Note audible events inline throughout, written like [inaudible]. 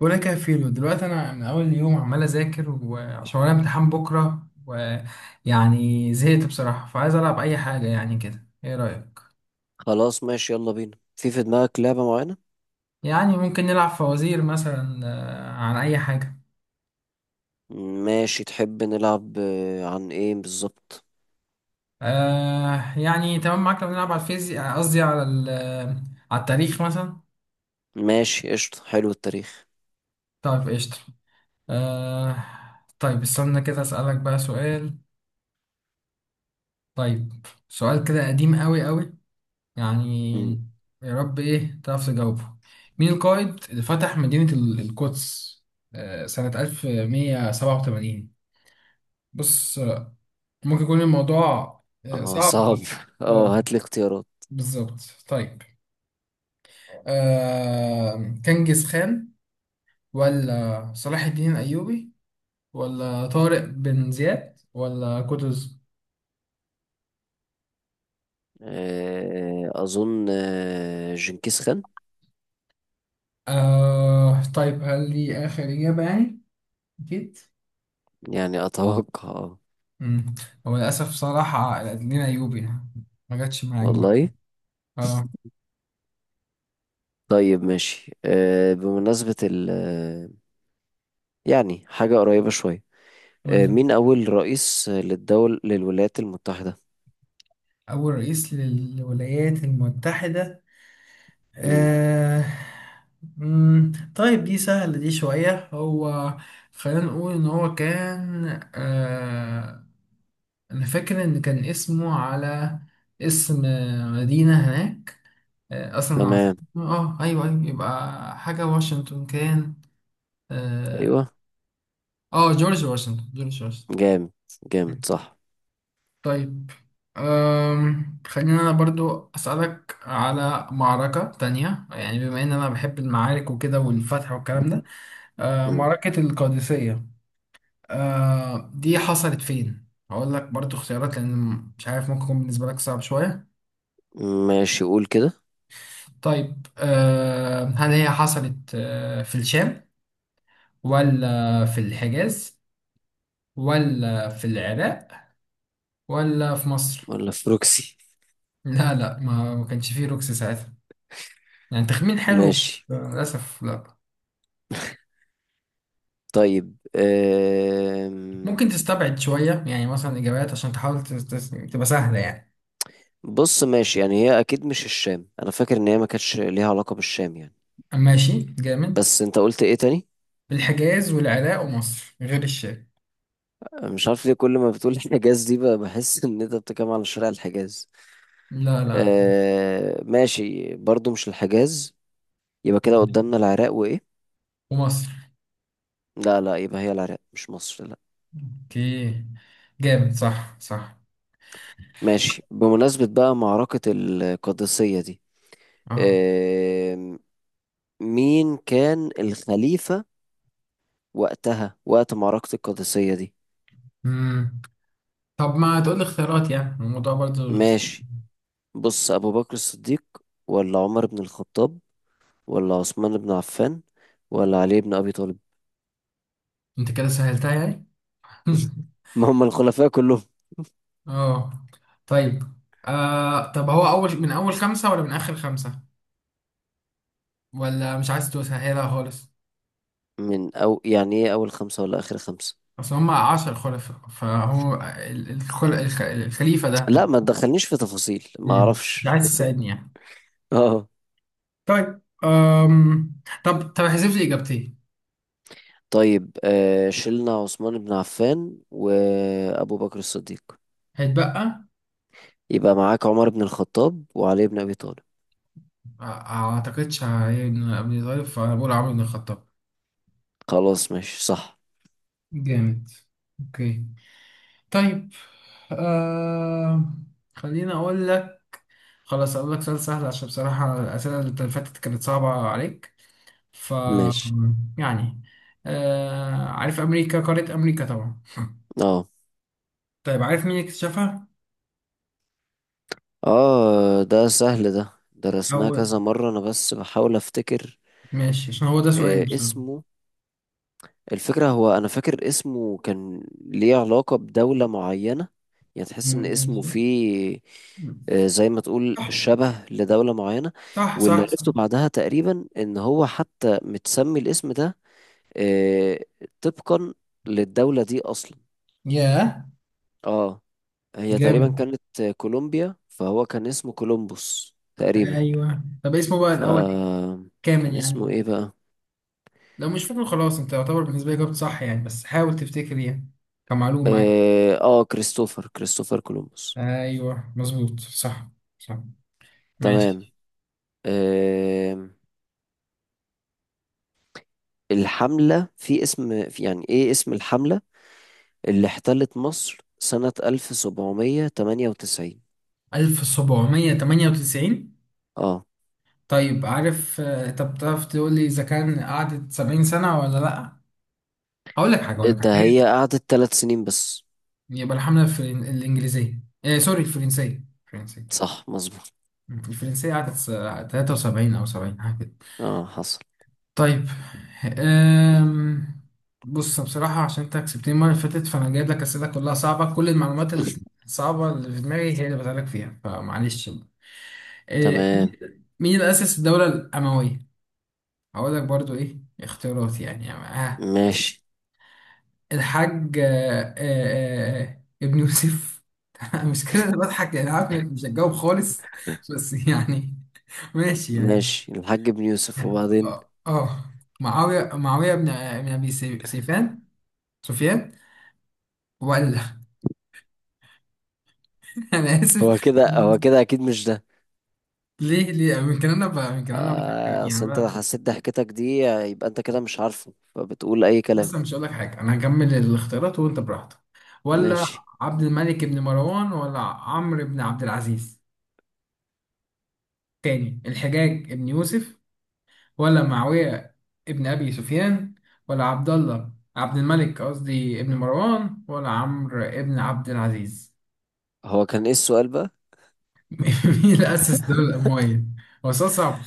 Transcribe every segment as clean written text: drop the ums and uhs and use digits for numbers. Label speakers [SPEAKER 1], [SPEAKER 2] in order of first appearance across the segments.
[SPEAKER 1] ولا كفيل دلوقتي انا من اول يوم عمال اذاكر وعشان ورايا امتحان بكره ويعني زهقت بصراحه فعايز العب اي حاجه يعني كده ايه رايك؟
[SPEAKER 2] خلاص، ماشي. يلا بينا. في دماغك لعبة معينة؟
[SPEAKER 1] يعني ممكن نلعب فوازير مثلا، عن اي حاجه.
[SPEAKER 2] ماشي، تحب نلعب؟ عن ايه بالظبط؟
[SPEAKER 1] يعني تمام معاك. لو نلعب على الفيزياء، قصدي على على التاريخ مثلا.
[SPEAKER 2] ماشي، قشطة. حلو التاريخ.
[SPEAKER 1] طيب قشطه. آه. طيب استنى كده اسالك بقى سؤال. طيب، سؤال كده قديم قوي، يعني
[SPEAKER 2] مم.
[SPEAKER 1] يا رب ايه تعرف تجاوبه. مين القائد اللي فتح مدينة القدس سنة 1187؟ بص ممكن يكون الموضوع
[SPEAKER 2] اه،
[SPEAKER 1] صعب بقى.
[SPEAKER 2] صعب [laughs]
[SPEAKER 1] اه،
[SPEAKER 2] اه، هات لي اختيارات.
[SPEAKER 1] بالظبط. طيب، كنجز خان، ولا صلاح الدين الأيوبي، ولا طارق بن زياد، ولا قطز؟
[SPEAKER 2] اظن جنكيز خان.
[SPEAKER 1] طيب هل دي آخر إجابة يعني؟ أكيد؟
[SPEAKER 2] يعني اتوقع.
[SPEAKER 1] مم. هو للأسف صراحة لينا أيوبي يعني. ما جاتش معاك بقى
[SPEAKER 2] والله.
[SPEAKER 1] دي. اه.
[SPEAKER 2] طيب، ماشي، بمناسبة ال آه، يعني حاجة قريبة شوية
[SPEAKER 1] قول
[SPEAKER 2] آه،
[SPEAKER 1] لي.
[SPEAKER 2] مين أول رئيس للولايات المتحدة؟
[SPEAKER 1] أول رئيس للولايات المتحدة.
[SPEAKER 2] مم.
[SPEAKER 1] آه. مم. طيب دي سهلة دي شوية. هو خلينا نقول إن هو كان، آه، أنا فاكر إن كان اسمه على اسم مدينة هناك. آه، أصلا العاصمة،
[SPEAKER 2] تمام،
[SPEAKER 1] اه أيوه أيوه، يبقى حاجة واشنطن كان. اه.
[SPEAKER 2] أيوه.
[SPEAKER 1] جورج واشنطن، جورج واشنطن.
[SPEAKER 2] جامد، جامد، صح.
[SPEAKER 1] طيب أم، خلينا أنا برضو أسألك على معركة تانية، يعني بما إن أنا بحب المعارك وكده والفتح والكلام ده. أه،
[SPEAKER 2] مم.
[SPEAKER 1] معركة القادسية. أه، دي حصلت فين؟ هقول لك برضو اختيارات، لأن مش عارف ممكن يكون بالنسبة لك صعب شوية.
[SPEAKER 2] ماشي، قول كده.
[SPEAKER 1] طيب، أه، هل هي حصلت أه في الشام، ولا في الحجاز، ولا في العراق، ولا في مصر؟
[SPEAKER 2] ولا في بروكسي؟
[SPEAKER 1] لا، ما كانش فيه روكس ساعتها. يعني تخمين حلو.
[SPEAKER 2] ماشي.
[SPEAKER 1] للأسف لا.
[SPEAKER 2] طيب.
[SPEAKER 1] ممكن تستبعد شوية، يعني مثلا إجابات عشان تحاول تبقى سهلة يعني.
[SPEAKER 2] بص ماشي، يعني هي اكيد مش الشام، انا فاكر ان هي ما كانتش ليها علاقة بالشام، يعني.
[SPEAKER 1] ماشي جامد.
[SPEAKER 2] بس انت قلت ايه تاني؟
[SPEAKER 1] الحجاز والعراق ومصر غير الشام.
[SPEAKER 2] أنا مش عارف ليه كل ما بتقول [laughs] الحجاز دي بقى بحس ان انت بتتكلم عن شارع الحجاز.
[SPEAKER 1] لا
[SPEAKER 2] ماشي، برضو مش الحجاز. يبقى كده قدامنا العراق وايه؟
[SPEAKER 1] ومصر.
[SPEAKER 2] لا، لا، يبقى هي العراق، مش مصر، لا.
[SPEAKER 1] اوكي. جامد، صح صح.
[SPEAKER 2] ماشي، بمناسبة بقى معركة القادسية دي،
[SPEAKER 1] اه.
[SPEAKER 2] مين كان الخليفة وقتها، وقت معركة القادسية دي؟
[SPEAKER 1] مم. طب ما تقول لي اختيارات، يعني الموضوع برضو.
[SPEAKER 2] ماشي، بص: أبو بكر الصديق، ولا عمر بن الخطاب، ولا عثمان بن عفان، ولا علي بن أبي طالب؟
[SPEAKER 1] انت كده سهلتها يعني. [laughs]
[SPEAKER 2] ما هم الخلفاء كلهم.
[SPEAKER 1] اه. طيب، آه، طب هو اول، من اول خمسة ولا من اخر خمسة، ولا مش عايز تسهلها خالص؟
[SPEAKER 2] من أو يعني إيه أول خمسة ولا آخر خمسة؟
[SPEAKER 1] اصل هم عشر خلفاء، فهو الخليفة ده.
[SPEAKER 2] لا، ما تدخلنيش في تفاصيل ما
[SPEAKER 1] امم، مش
[SPEAKER 2] أعرفش.
[SPEAKER 1] عايز تساعدني يعني؟
[SPEAKER 2] اه.
[SPEAKER 1] طيب أم، طب احذف لي اجابتين.
[SPEAKER 2] طيب، شلنا عثمان بن عفان وأبو بكر الصديق،
[SPEAKER 1] هيتبقى.
[SPEAKER 2] يبقى معاك عمر بن الخطاب وعلي بن أبي طالب.
[SPEAKER 1] آه، ما اعتقدش، ان ابني ظريف فانا بقول عمرو بن الخطاب.
[SPEAKER 2] خلاص، ماشي، صح.
[SPEAKER 1] جامد. اوكي. طيب أم، خليني اقول لك. خلاص اقول لك سؤال سهل، عشان بصراحة الاسئلة اللي فاتت كانت صعبة عليك. ف،
[SPEAKER 2] ماشي.
[SPEAKER 1] يعني، أه، عارف امريكا، قارة امريكا طبعا.
[SPEAKER 2] اه،
[SPEAKER 1] طيب عارف مين اللي اكتشفها؟
[SPEAKER 2] اه، ده سهل، ده درسناه
[SPEAKER 1] هو
[SPEAKER 2] كذا مرة، انا بس بحاول افتكر.
[SPEAKER 1] ماشي عشان هو ده سؤالي بصراحة.
[SPEAKER 2] اسمه، الفكرة هو انا فاكر اسمه كان ليه علاقة بدولة معينة، يعني تحس ان اسمه فيه،
[SPEAKER 1] ماشي،
[SPEAKER 2] زي ما تقول شبه لدولة معينة.
[SPEAKER 1] صح
[SPEAKER 2] واللي
[SPEAKER 1] صح صح.
[SPEAKER 2] عرفته بعدها تقريبا ان هو حتى متسمي الاسم ده آه، طبقا للدولة دي اصلا.
[SPEAKER 1] ياه.
[SPEAKER 2] اه، هي تقريبا
[SPEAKER 1] جامد.
[SPEAKER 2] كانت كولومبيا، فهو كان اسمه كولومبوس تقريبا.
[SPEAKER 1] ايوه، طب اسمه بقى
[SPEAKER 2] ف
[SPEAKER 1] الاول كامل
[SPEAKER 2] كان اسمه
[SPEAKER 1] يعني.
[SPEAKER 2] ايه بقى؟
[SPEAKER 1] لو مش فاكره خلاص انت يعتبر بالنسبه لي جاوبت صح يعني، بس حاول تفتكر يعني كمعلومه يعني.
[SPEAKER 2] اه، كريستوفر كولومبوس.
[SPEAKER 1] ايوه مظبوط، صح صح.
[SPEAKER 2] تمام.
[SPEAKER 1] ماشي.
[SPEAKER 2] آه الحملة في اسم في يعني ايه اسم الحملة اللي احتلت مصر سنة 1798؟
[SPEAKER 1] 1798.
[SPEAKER 2] اه،
[SPEAKER 1] طيب عارف طب تعرف تقول لي اذا كان قعدت 70 سنة سنه ولا لا؟ هقول لك حاجه،
[SPEAKER 2] ده
[SPEAKER 1] هي،
[SPEAKER 2] هي قعدت 3 سنين بس.
[SPEAKER 1] يبقى الحمله الانجليزيه، آه سوري، الفرنسيه
[SPEAKER 2] صح، مظبوط.
[SPEAKER 1] الفرنسيه قعدت 73 او 70.
[SPEAKER 2] اه، حصل.
[SPEAKER 1] طيب أم، بص بصراحة عشان انت كسبتني المرة اللي فاتت، فانا جايب لك اسئلة كلها صعبة، كل المعلومات
[SPEAKER 2] [laughs]
[SPEAKER 1] الصعبة اللي في دماغي هي اللي بسألك فيها، فمعلش بقى. أه،
[SPEAKER 2] تمام.
[SPEAKER 1] مين اللي أسس الدولة الأموية؟ هقول لك برضو ايه اختيارات يعني يعني آه.
[SPEAKER 2] ماشي،
[SPEAKER 1] الحاج ابن يوسف. [laughs] مش كده، أنا بضحك يعني، عارف انك مش هتجاوب خالص بس يعني. [laughs] ماشي يعني.
[SPEAKER 2] ماشي، الحاج ابن يوسف، وبعدين؟
[SPEAKER 1] اه آه. معاوية بن ابي سيفان، سفيان، ولا. [laughs] انا
[SPEAKER 2] هو
[SPEAKER 1] اسف.
[SPEAKER 2] كده، هو كده اكيد مش ده.
[SPEAKER 1] ليه ليه يمكن انا بقى، يمكن انا بتذكر يعني
[SPEAKER 2] اصل انت لو
[SPEAKER 1] بقى.
[SPEAKER 2] حسيت ضحكتك دي يبقى انت كده مش عارفه فبتقول اي
[SPEAKER 1] بس
[SPEAKER 2] كلام.
[SPEAKER 1] أنا مش هقول لك حاجه، انا هكمل الاختيارات وانت براحتك. ولا
[SPEAKER 2] ماشي،
[SPEAKER 1] عبد الملك بن مروان، ولا عمرو بن عبد العزيز. تاني، الحجاج بن يوسف، ولا معاويه ابن ابي سفيان، ولا عبد الله، عبد الملك قصدي ابن مروان، ولا عمرو ابن عبد العزيز.
[SPEAKER 2] هو كان ايه السؤال بقى؟
[SPEAKER 1] [laughs] مين اللي اسس الدوله الامويه؟ هو سؤال صعب.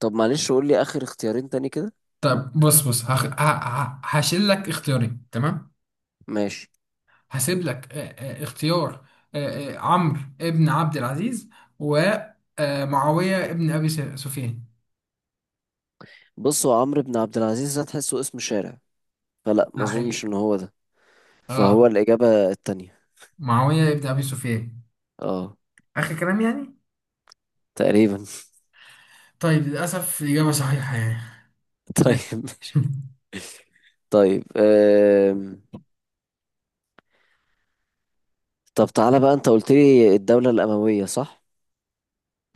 [SPEAKER 2] طب معلش، قول لي اخر اختيارين تاني كده.
[SPEAKER 1] طب بص هشيل لك اختيارين تمام.
[SPEAKER 2] ماشي.
[SPEAKER 1] هسيب لك اختيار، عمرو ابن عبد العزيز ومعاوية ابن أبي سفيان.
[SPEAKER 2] بص، هو عمرو بن عبد العزيز ده تحسه اسم شارع، فلا، ما
[SPEAKER 1] ده
[SPEAKER 2] اظنش
[SPEAKER 1] حقيقي.
[SPEAKER 2] ان هو ده، فهو
[SPEAKER 1] اه،
[SPEAKER 2] الاجابة التانية.
[SPEAKER 1] معاوية ابن أبي سفيان.
[SPEAKER 2] اه،
[SPEAKER 1] آخر كلام يعني.
[SPEAKER 2] تقريبا.
[SPEAKER 1] طيب للأسف الإجابة صحيحة يعني.
[SPEAKER 2] [laughs] طيب،
[SPEAKER 1] ماشي.
[SPEAKER 2] ماشي.
[SPEAKER 1] [laughs]
[SPEAKER 2] طيب. طب تعالى بقى، انت قلت لي الدولة الأموية، صح؟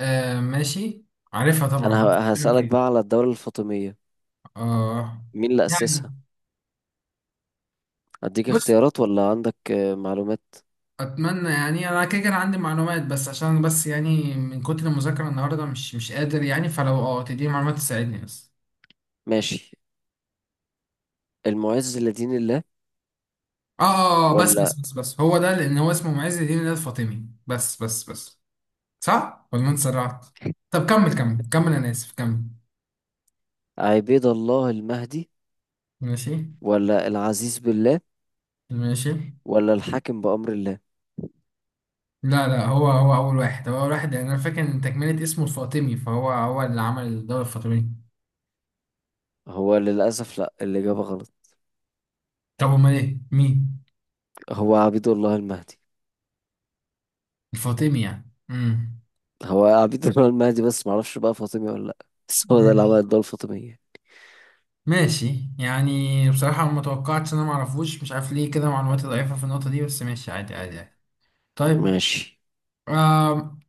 [SPEAKER 1] آه ماشي، عارفها طبعا،
[SPEAKER 2] انا
[SPEAKER 1] عارف الكلام
[SPEAKER 2] هسألك
[SPEAKER 1] فين.
[SPEAKER 2] بقى على الدولة الفاطمية،
[SPEAKER 1] اه
[SPEAKER 2] مين اللي
[SPEAKER 1] يعني
[SPEAKER 2] أسسها؟ اديك
[SPEAKER 1] بص،
[SPEAKER 2] اختيارات ولا عندك معلومات؟
[SPEAKER 1] اتمنى يعني انا كده كان عندي معلومات، بس عشان بس يعني من كتر المذاكره النهارده مش قادر يعني، فلو اه تديني معلومات تساعدني بس.
[SPEAKER 2] ماشي. المعز لدين الله،
[SPEAKER 1] اه اه بس بس
[SPEAKER 2] ولا
[SPEAKER 1] بس بس هو ده، لان هو اسمه معز الدين ده الفاطمي بس. صح ولا انا اتسرعت؟ طب كمل كمل، انا اسف، كمل.
[SPEAKER 2] عبيد الله المهدي،
[SPEAKER 1] ماشي.
[SPEAKER 2] ولا العزيز بالله،
[SPEAKER 1] ماشي.
[SPEAKER 2] ولا الحاكم بأمر الله؟
[SPEAKER 1] لا هو اول واحد، هو اول واحد يعني، انا فاكر ان تكمله اسمه الفاطمي، فهو هو اللي عمل الدوله الفاطميه.
[SPEAKER 2] هو للأسف لا، الإجابة غلط.
[SPEAKER 1] طب امال ايه مين؟
[SPEAKER 2] هو عبيد الله المهدي.
[SPEAKER 1] الفاطمي يعني امم.
[SPEAKER 2] هو عبيد الله المهدي، بس معرفش بقى فاطمي ولا لأ، بس هو ده اللي عمل
[SPEAKER 1] ماشي،
[SPEAKER 2] الدولة الفاطمية.
[SPEAKER 1] ماشي يعني، بصراحة ما توقعتش انا ما اعرفوش، مش عارف ليه كده معلوماتي ضعيفة في النقطة دي، بس ماشي عادي عادي يعني. طيب.
[SPEAKER 2] ماشي،
[SPEAKER 1] آم،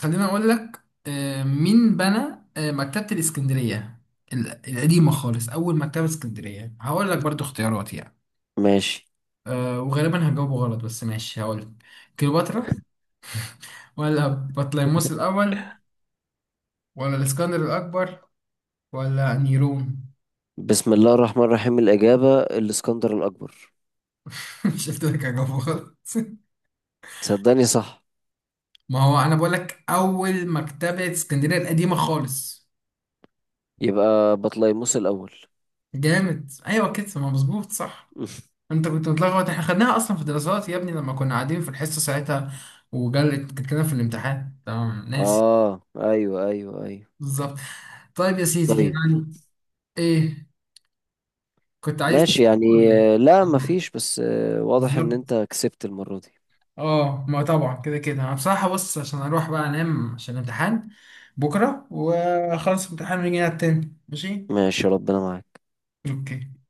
[SPEAKER 1] خليني اقول لك آه مين بنى آه مكتبة الاسكندرية، القديمة خالص، اول مكتبة اسكندرية. هقول لك برضو اختيارات يعني،
[SPEAKER 2] ماشي.
[SPEAKER 1] آه وغالبا هجاوبه غلط بس ماشي هقول لك. كليوباترا، ولا بطليموس الاول، ولا الاسكندر الاكبر، ولا نيرون.
[SPEAKER 2] بسم الله الرحمن الرحيم، الإجابة الإسكندر الأكبر.
[SPEAKER 1] [laughs] مش قلت لك هجاوبه غلط؟
[SPEAKER 2] تصدقني، صح؟
[SPEAKER 1] ما هو انا بقول لك اول مكتبة اسكندرية القديمة خالص.
[SPEAKER 2] يبقى بطليموس الأول.
[SPEAKER 1] جامد ايوه كده، ما مظبوط صح.
[SPEAKER 2] [laughs]
[SPEAKER 1] انت كنت متلخبط، احنا خدناها اصلا في دراسات يا ابني لما كنا قاعدين في الحصة ساعتها، وجلت كانت لنا في الامتحان تمام ناسي.
[SPEAKER 2] آه، أيوه، أيوه، أيوه.
[SPEAKER 1] بالظبط. طيب يا سيدي
[SPEAKER 2] طيب
[SPEAKER 1] يعني. ايه، كنت عايز
[SPEAKER 2] ماشي،
[SPEAKER 1] تسأل ولا
[SPEAKER 2] يعني
[SPEAKER 1] ايه؟
[SPEAKER 2] لا،
[SPEAKER 1] عن،
[SPEAKER 2] مفيش، بس واضح ان
[SPEAKER 1] بالظبط.
[SPEAKER 2] انت كسبت المرة دي.
[SPEAKER 1] اه ما طبعا كده كده انا بصراحة، بص عشان اروح بقى انام عشان الامتحان بكرة واخلص الامتحان ونيجي نلعب تاني ماشي.
[SPEAKER 2] ماشي، ربنا معاك.
[SPEAKER 1] اوكي.